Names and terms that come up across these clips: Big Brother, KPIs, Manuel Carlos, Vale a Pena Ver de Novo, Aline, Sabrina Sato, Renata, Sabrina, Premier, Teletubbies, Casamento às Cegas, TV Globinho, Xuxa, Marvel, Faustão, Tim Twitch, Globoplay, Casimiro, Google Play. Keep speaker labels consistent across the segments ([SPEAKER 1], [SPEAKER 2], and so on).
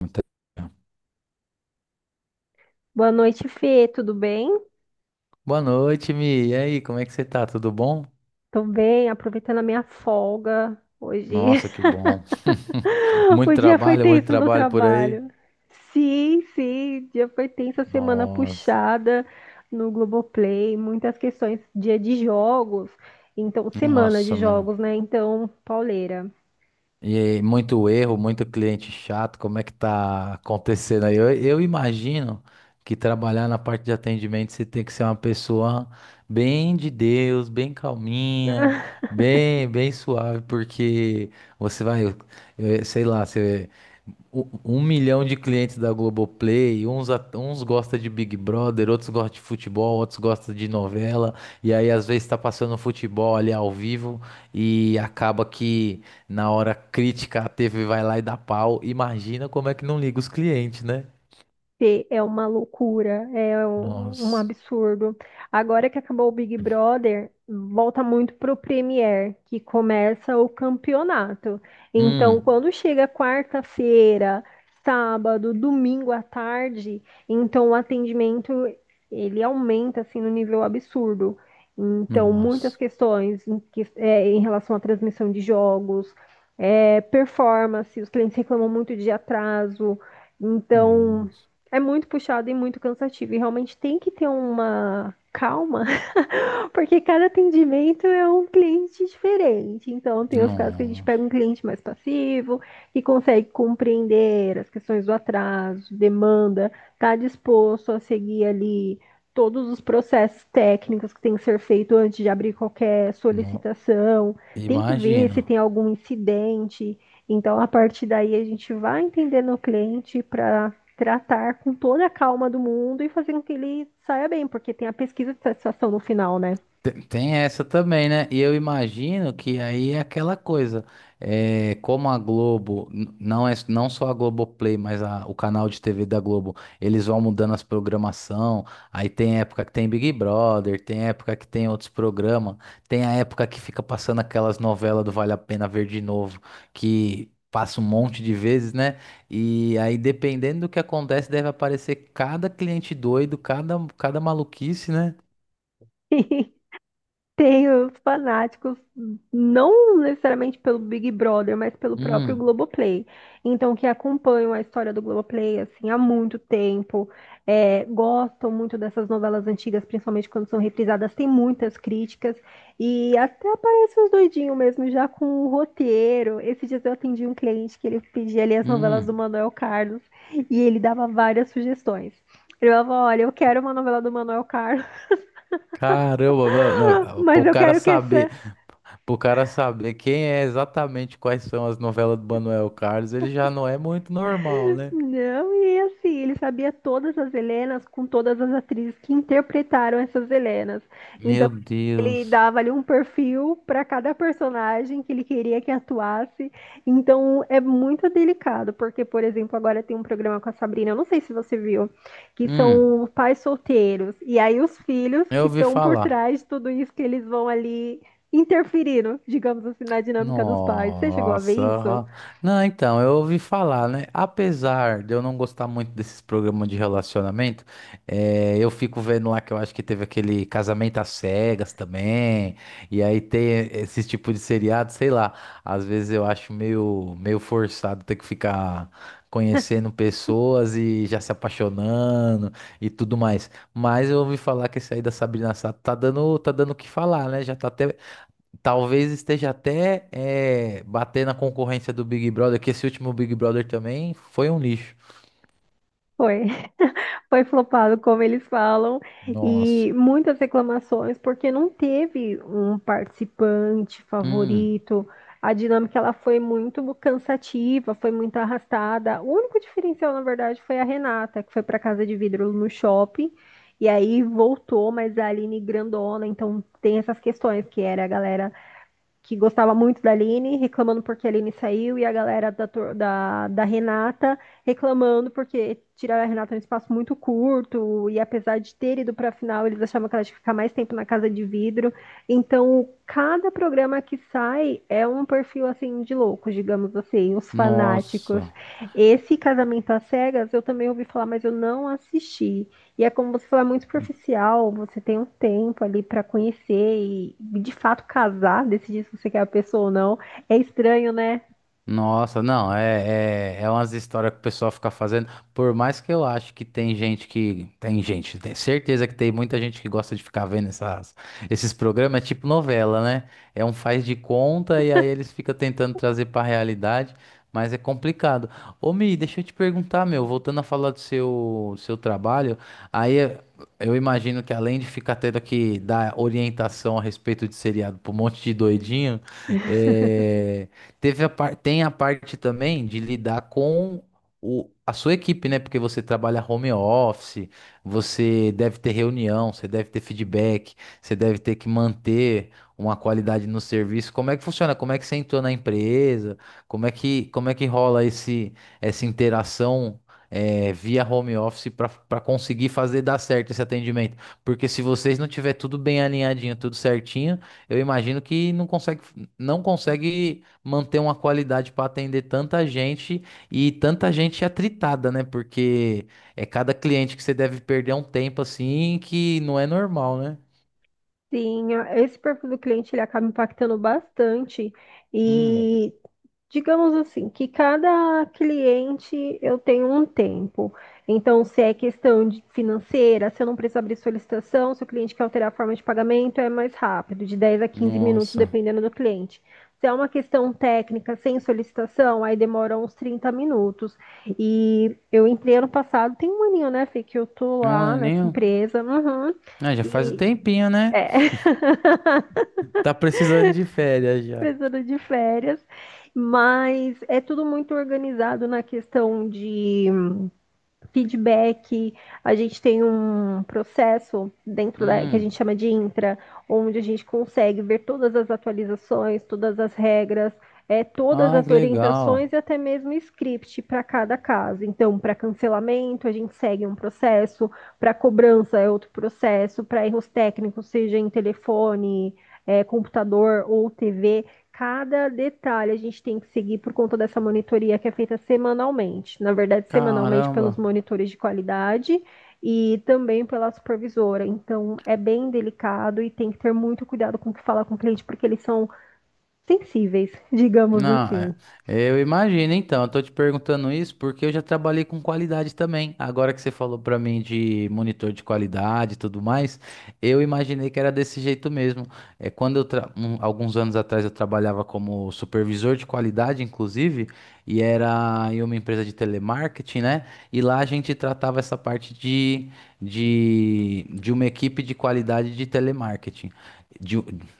[SPEAKER 1] Muita-
[SPEAKER 2] Boa noite, Fê. Tudo bem?
[SPEAKER 1] Boa noite, Mi. E aí, como é que você tá? Tudo bom?
[SPEAKER 2] Tô bem, aproveitando a minha folga hoje.
[SPEAKER 1] Nossa, que bom.
[SPEAKER 2] O dia foi
[SPEAKER 1] Muito
[SPEAKER 2] tenso no
[SPEAKER 1] trabalho por aí.
[SPEAKER 2] trabalho. Sim, sim, o dia foi tenso, a semana
[SPEAKER 1] Nossa,
[SPEAKER 2] puxada no Globoplay, muitas questões, dia de jogos, então semana de
[SPEAKER 1] nossa, meu.
[SPEAKER 2] jogos, né? Então, pauleira.
[SPEAKER 1] E muito erro, muito cliente chato, como é que tá acontecendo aí? Eu imagino que trabalhar na parte de atendimento você tem que ser uma pessoa bem de Deus, bem calminha, bem suave, porque você vai, sei lá, você um milhão de clientes da Globoplay, uns gostam de Big Brother, outros gostam de futebol, outros gostam de novela, e aí às vezes tá passando futebol ali ao vivo e acaba que na hora crítica, a TV vai lá e dá pau. Imagina como é que não liga os clientes, né?
[SPEAKER 2] ter é uma loucura, é um
[SPEAKER 1] Nossa.
[SPEAKER 2] absurdo. Agora que acabou o Big Brother, volta muito pro Premier, que começa o campeonato. Então,
[SPEAKER 1] Hum.
[SPEAKER 2] quando chega quarta-feira, sábado, domingo à tarde, então o atendimento ele aumenta assim no nível absurdo. Então, muitas
[SPEAKER 1] Nossa.
[SPEAKER 2] questões é, em relação à transmissão de jogos, performance, os clientes reclamam muito de atraso. Então,
[SPEAKER 1] Nossa.
[SPEAKER 2] é muito puxado e muito cansativo. E realmente tem que ter uma calma porque cada atendimento é um cliente diferente. Então, tem os casos que a gente
[SPEAKER 1] Nossa.
[SPEAKER 2] pega um cliente mais passivo, que consegue compreender as questões do atraso, demanda, está disposto a seguir ali todos os processos técnicos que tem que ser feito antes de abrir qualquer
[SPEAKER 1] No...
[SPEAKER 2] solicitação, tem que ver se
[SPEAKER 1] Imagina.
[SPEAKER 2] tem algum incidente. Então, a partir daí, a gente vai entendendo o cliente para tratar com toda a calma do mundo e fazer com que ele saia bem, porque tem a pesquisa de satisfação no final, né?
[SPEAKER 1] Tem tem essa também, né? E eu imagino que aí é aquela coisa, é, como a Globo, não é não só a Globoplay, mas o canal de TV da Globo, eles vão mudando as programação, aí tem época que tem Big Brother, tem época que tem outros programas, tem a época que fica passando aquelas novelas do Vale a Pena Ver de novo, que passa um monte de vezes, né? E aí, dependendo do que acontece, deve aparecer cada cliente doido, cada maluquice, né?
[SPEAKER 2] E tem os fanáticos, não necessariamente pelo Big Brother, mas pelo próprio
[SPEAKER 1] Hum.
[SPEAKER 2] Globoplay. Então, que acompanham a história do Globoplay, assim, há muito tempo, gostam muito dessas novelas antigas, principalmente quando são reprisadas, tem muitas críticas, e até aparece uns doidinhos mesmo, já com o roteiro. Esses dias eu atendi um cliente que ele pedia ali as novelas do
[SPEAKER 1] Hum,
[SPEAKER 2] Manuel Carlos, e ele dava várias sugestões. Ele falava, olha, eu quero uma novela do Manuel Carlos,
[SPEAKER 1] caramba, não, não,
[SPEAKER 2] mas eu quero que essa
[SPEAKER 1] para o cara saber quem é exatamente quais são as novelas do Manuel Carlos, ele já não é muito normal, né?
[SPEAKER 2] Não, e assim, ele sabia todas as Helenas com todas as atrizes que interpretaram essas Helenas. Então,
[SPEAKER 1] Meu
[SPEAKER 2] ele
[SPEAKER 1] Deus.
[SPEAKER 2] dava ali um perfil para cada personagem que ele queria que atuasse. Então, é muito delicado, porque, por exemplo, agora tem um programa com a Sabrina, eu não sei se você viu, que
[SPEAKER 1] Hum,
[SPEAKER 2] são pais solteiros. E aí, os filhos
[SPEAKER 1] eu
[SPEAKER 2] que
[SPEAKER 1] ouvi
[SPEAKER 2] estão por
[SPEAKER 1] falar.
[SPEAKER 2] trás de tudo isso, que eles vão ali interferindo, digamos assim, na dinâmica dos pais. Você chegou a ver isso?
[SPEAKER 1] Nossa. Não, então, eu ouvi falar, né? Apesar de eu não gostar muito desses programas de relacionamento, eu fico vendo lá que eu acho que teve aquele Casamento às Cegas também, e aí tem esse tipo de seriado, sei lá. Às vezes eu acho meio, meio forçado ter que ficar conhecendo pessoas e já se apaixonando e tudo mais. Mas eu ouvi falar que esse aí da Sabrina Sato tá dando o que falar, né? Já tá até Talvez esteja até bater na concorrência do Big Brother, que esse último Big Brother também foi um lixo.
[SPEAKER 2] Foi. Foi flopado, como eles falam,
[SPEAKER 1] Nossa.
[SPEAKER 2] e muitas reclamações, porque não teve um participante
[SPEAKER 1] Hum,
[SPEAKER 2] favorito. A dinâmica ela foi muito cansativa, foi muito arrastada. O único diferencial, na verdade, foi a Renata, que foi para Casa de Vidro no shopping, e aí voltou, mas é a Aline grandona, então tem essas questões que era a galera que gostava muito da Aline, reclamando porque a Aline saiu, e a galera da Renata reclamando porque tiraram a Renata num espaço muito curto, e apesar de ter ido para a final, eles achavam que ela tinha que ficar mais tempo na casa de vidro. Então, cada programa que sai é um perfil assim de loucos, digamos assim, os fanáticos.
[SPEAKER 1] nossa.
[SPEAKER 2] Esse Casamento às Cegas eu também ouvi falar, mas eu não assisti. E é como você falar muito superficial, você tem um tempo ali pra conhecer e de fato casar, decidir se você quer a pessoa ou não. É estranho, né?
[SPEAKER 1] Nossa, não, é umas histórias que o pessoal fica fazendo. Por mais que eu acho que. Tem gente, tem certeza que tem muita gente que gosta de ficar vendo essas, esses programas, é tipo novela, né? É um faz de conta e aí eles ficam tentando trazer pra realidade, mas é complicado. Ô, Mi, deixa eu te perguntar, meu, voltando a falar do seu trabalho, aí eu imagino que além de ficar tendo que dar orientação a respeito de seriado pra um monte de doidinho, é. Tem a parte também de lidar com a sua equipe, né? Porque você trabalha home office, você deve ter reunião, você deve ter feedback, você deve ter que manter uma qualidade no serviço. Como é que funciona? Como é que você entrou na empresa? Como é que rola essa interação? Via home office para conseguir fazer dar certo esse atendimento. Porque se vocês não tiver tudo bem alinhadinho, tudo certinho, eu imagino que não consegue, não consegue manter uma qualidade para atender tanta gente e tanta gente atritada, né? Porque é cada cliente que você deve perder um tempo assim que não é normal, né?
[SPEAKER 2] Sim, esse perfil do cliente ele acaba impactando bastante.
[SPEAKER 1] Hum,
[SPEAKER 2] E digamos assim, que cada cliente eu tenho um tempo. Então, se é questão de financeira, se eu não preciso abrir solicitação, se o cliente quer alterar a forma de pagamento, é mais rápido, de 10 a quinze minutos,
[SPEAKER 1] nossa,
[SPEAKER 2] dependendo do cliente. Se é uma questão técnica sem solicitação, aí demora uns 30 minutos. E eu entrei ano passado, tem um aninho, né, Fê, que eu tô
[SPEAKER 1] não
[SPEAKER 2] lá
[SPEAKER 1] é
[SPEAKER 2] nessa
[SPEAKER 1] nem.
[SPEAKER 2] empresa. Uhum,
[SPEAKER 1] Ah, já faz um
[SPEAKER 2] e
[SPEAKER 1] tempinho, né? Tá precisando de férias já.
[SPEAKER 2] precisando de férias, mas é tudo muito organizado na questão de feedback, a gente tem um processo dentro da, que a gente
[SPEAKER 1] Hum,
[SPEAKER 2] chama de intra, onde a gente consegue ver todas as atualizações, todas as regras, todas
[SPEAKER 1] ah,
[SPEAKER 2] as
[SPEAKER 1] que
[SPEAKER 2] orientações
[SPEAKER 1] legal.
[SPEAKER 2] e até mesmo script para cada caso. Então, para cancelamento, a gente segue um processo, para cobrança é outro processo, para erros técnicos, seja em telefone, computador ou TV, cada detalhe a gente tem que seguir por conta dessa monitoria que é feita semanalmente. Na verdade, semanalmente
[SPEAKER 1] Caramba.
[SPEAKER 2] pelos monitores de qualidade e também pela supervisora. Então, é bem delicado e tem que ter muito cuidado com o que falar com o cliente, porque eles são sensíveis, digamos
[SPEAKER 1] Não, é.
[SPEAKER 2] assim.
[SPEAKER 1] Eu imagino, então. Eu tô te perguntando isso porque eu já trabalhei com qualidade também. Agora que você falou pra mim de monitor de qualidade e tudo mais, eu imaginei que era desse jeito mesmo. É quando eu alguns anos atrás eu trabalhava como supervisor de qualidade, inclusive, e era em uma empresa de telemarketing, né? E lá a gente tratava essa parte de uma equipe de qualidade de telemarketing. De,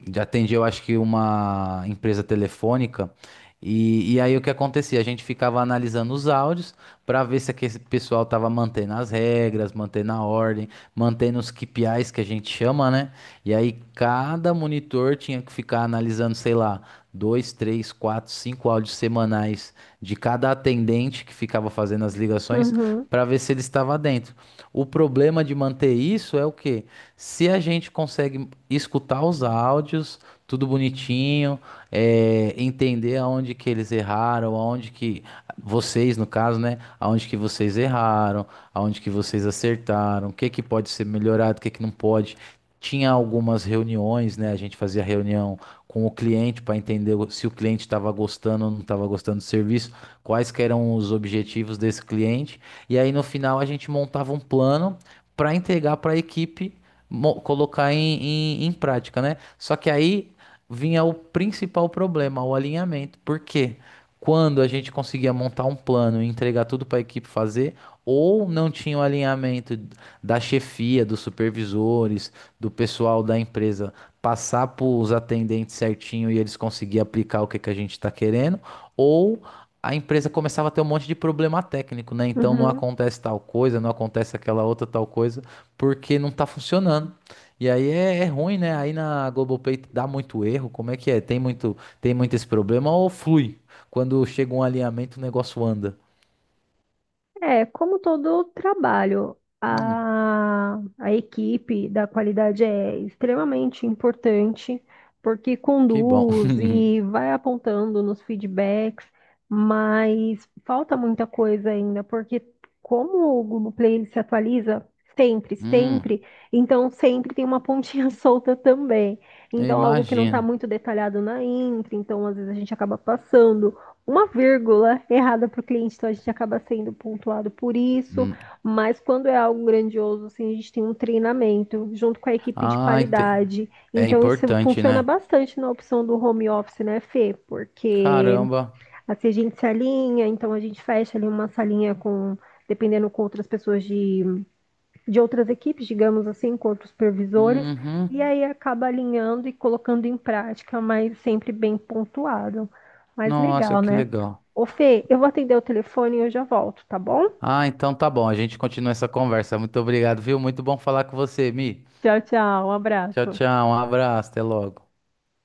[SPEAKER 1] de atender, eu acho que uma empresa telefônica. E aí o que acontecia? A gente ficava analisando os áudios para ver se aquele pessoal estava mantendo as regras, mantendo a ordem, mantendo os KPIs que a gente chama, né? E aí cada monitor tinha que ficar analisando, sei lá, dois, três, quatro, cinco áudios semanais de cada atendente que ficava fazendo as ligações
[SPEAKER 2] Uhum,
[SPEAKER 1] para ver se ele estava dentro. O problema de manter isso é o quê? Se a gente consegue escutar os áudios, tudo bonitinho, é, entender aonde que eles erraram, aonde que vocês, no caso, né, aonde que vocês erraram, aonde que vocês acertaram, o que que pode ser melhorado, o que que não pode. Tinha algumas reuniões, né? A gente fazia reunião com o cliente para entender se o cliente estava gostando ou não estava gostando do serviço, quais que eram os objetivos desse cliente. E aí no final a gente montava um plano para entregar para a equipe colocar em prática, né? Só que aí vinha o principal problema, o alinhamento, porque quando a gente conseguia montar um plano e entregar tudo para a equipe fazer, ou não tinha o alinhamento da chefia, dos supervisores, do pessoal da empresa passar para os atendentes certinho e eles conseguiam aplicar o que, que a gente está querendo, ou a empresa começava a ter um monte de problema técnico, né? Então não
[SPEAKER 2] uhum.
[SPEAKER 1] acontece tal coisa, não acontece aquela outra tal coisa, porque não está funcionando. E aí é, é ruim, né? Aí na Globoplay dá muito erro. Como é que é? Tem muito, esse problema ou flui? Quando chega um alinhamento, o negócio anda.
[SPEAKER 2] É, como todo trabalho,
[SPEAKER 1] Hum,
[SPEAKER 2] a equipe da qualidade é extremamente importante, porque
[SPEAKER 1] que bom.
[SPEAKER 2] conduz e vai apontando nos feedbacks, mas falta muita coisa ainda, porque como o Google Play ele se atualiza sempre,
[SPEAKER 1] Hum,
[SPEAKER 2] sempre, então sempre tem uma pontinha solta também.
[SPEAKER 1] eu
[SPEAKER 2] Então, algo que não está
[SPEAKER 1] imagino.
[SPEAKER 2] muito detalhado na intro, então às vezes a gente acaba passando uma vírgula errada para o cliente, então a gente acaba sendo pontuado por isso,
[SPEAKER 1] Hum.
[SPEAKER 2] mas quando é algo grandioso, assim, a gente tem um treinamento junto com a equipe de
[SPEAKER 1] Ah,
[SPEAKER 2] qualidade.
[SPEAKER 1] é
[SPEAKER 2] Então isso
[SPEAKER 1] importante,
[SPEAKER 2] funciona
[SPEAKER 1] né?
[SPEAKER 2] bastante na opção do home office, né, Fê? Porque
[SPEAKER 1] Caramba.
[SPEAKER 2] assim a gente se alinha, então a gente fecha ali uma salinha com, dependendo com outras pessoas de outras equipes, digamos assim, com outros supervisores, e
[SPEAKER 1] Uhum.
[SPEAKER 2] aí acaba alinhando e colocando em prática, mas sempre bem pontuado. Mas
[SPEAKER 1] Nossa,
[SPEAKER 2] legal,
[SPEAKER 1] que
[SPEAKER 2] né?
[SPEAKER 1] legal.
[SPEAKER 2] Ô Fê, eu vou atender o telefone e eu já volto, tá bom?
[SPEAKER 1] Ah, então tá bom. A gente continua essa conversa. Muito obrigado, viu? Muito bom falar com você, Mi.
[SPEAKER 2] Tchau, tchau, um
[SPEAKER 1] Tchau,
[SPEAKER 2] abraço.
[SPEAKER 1] tchau. Um abraço. Até logo.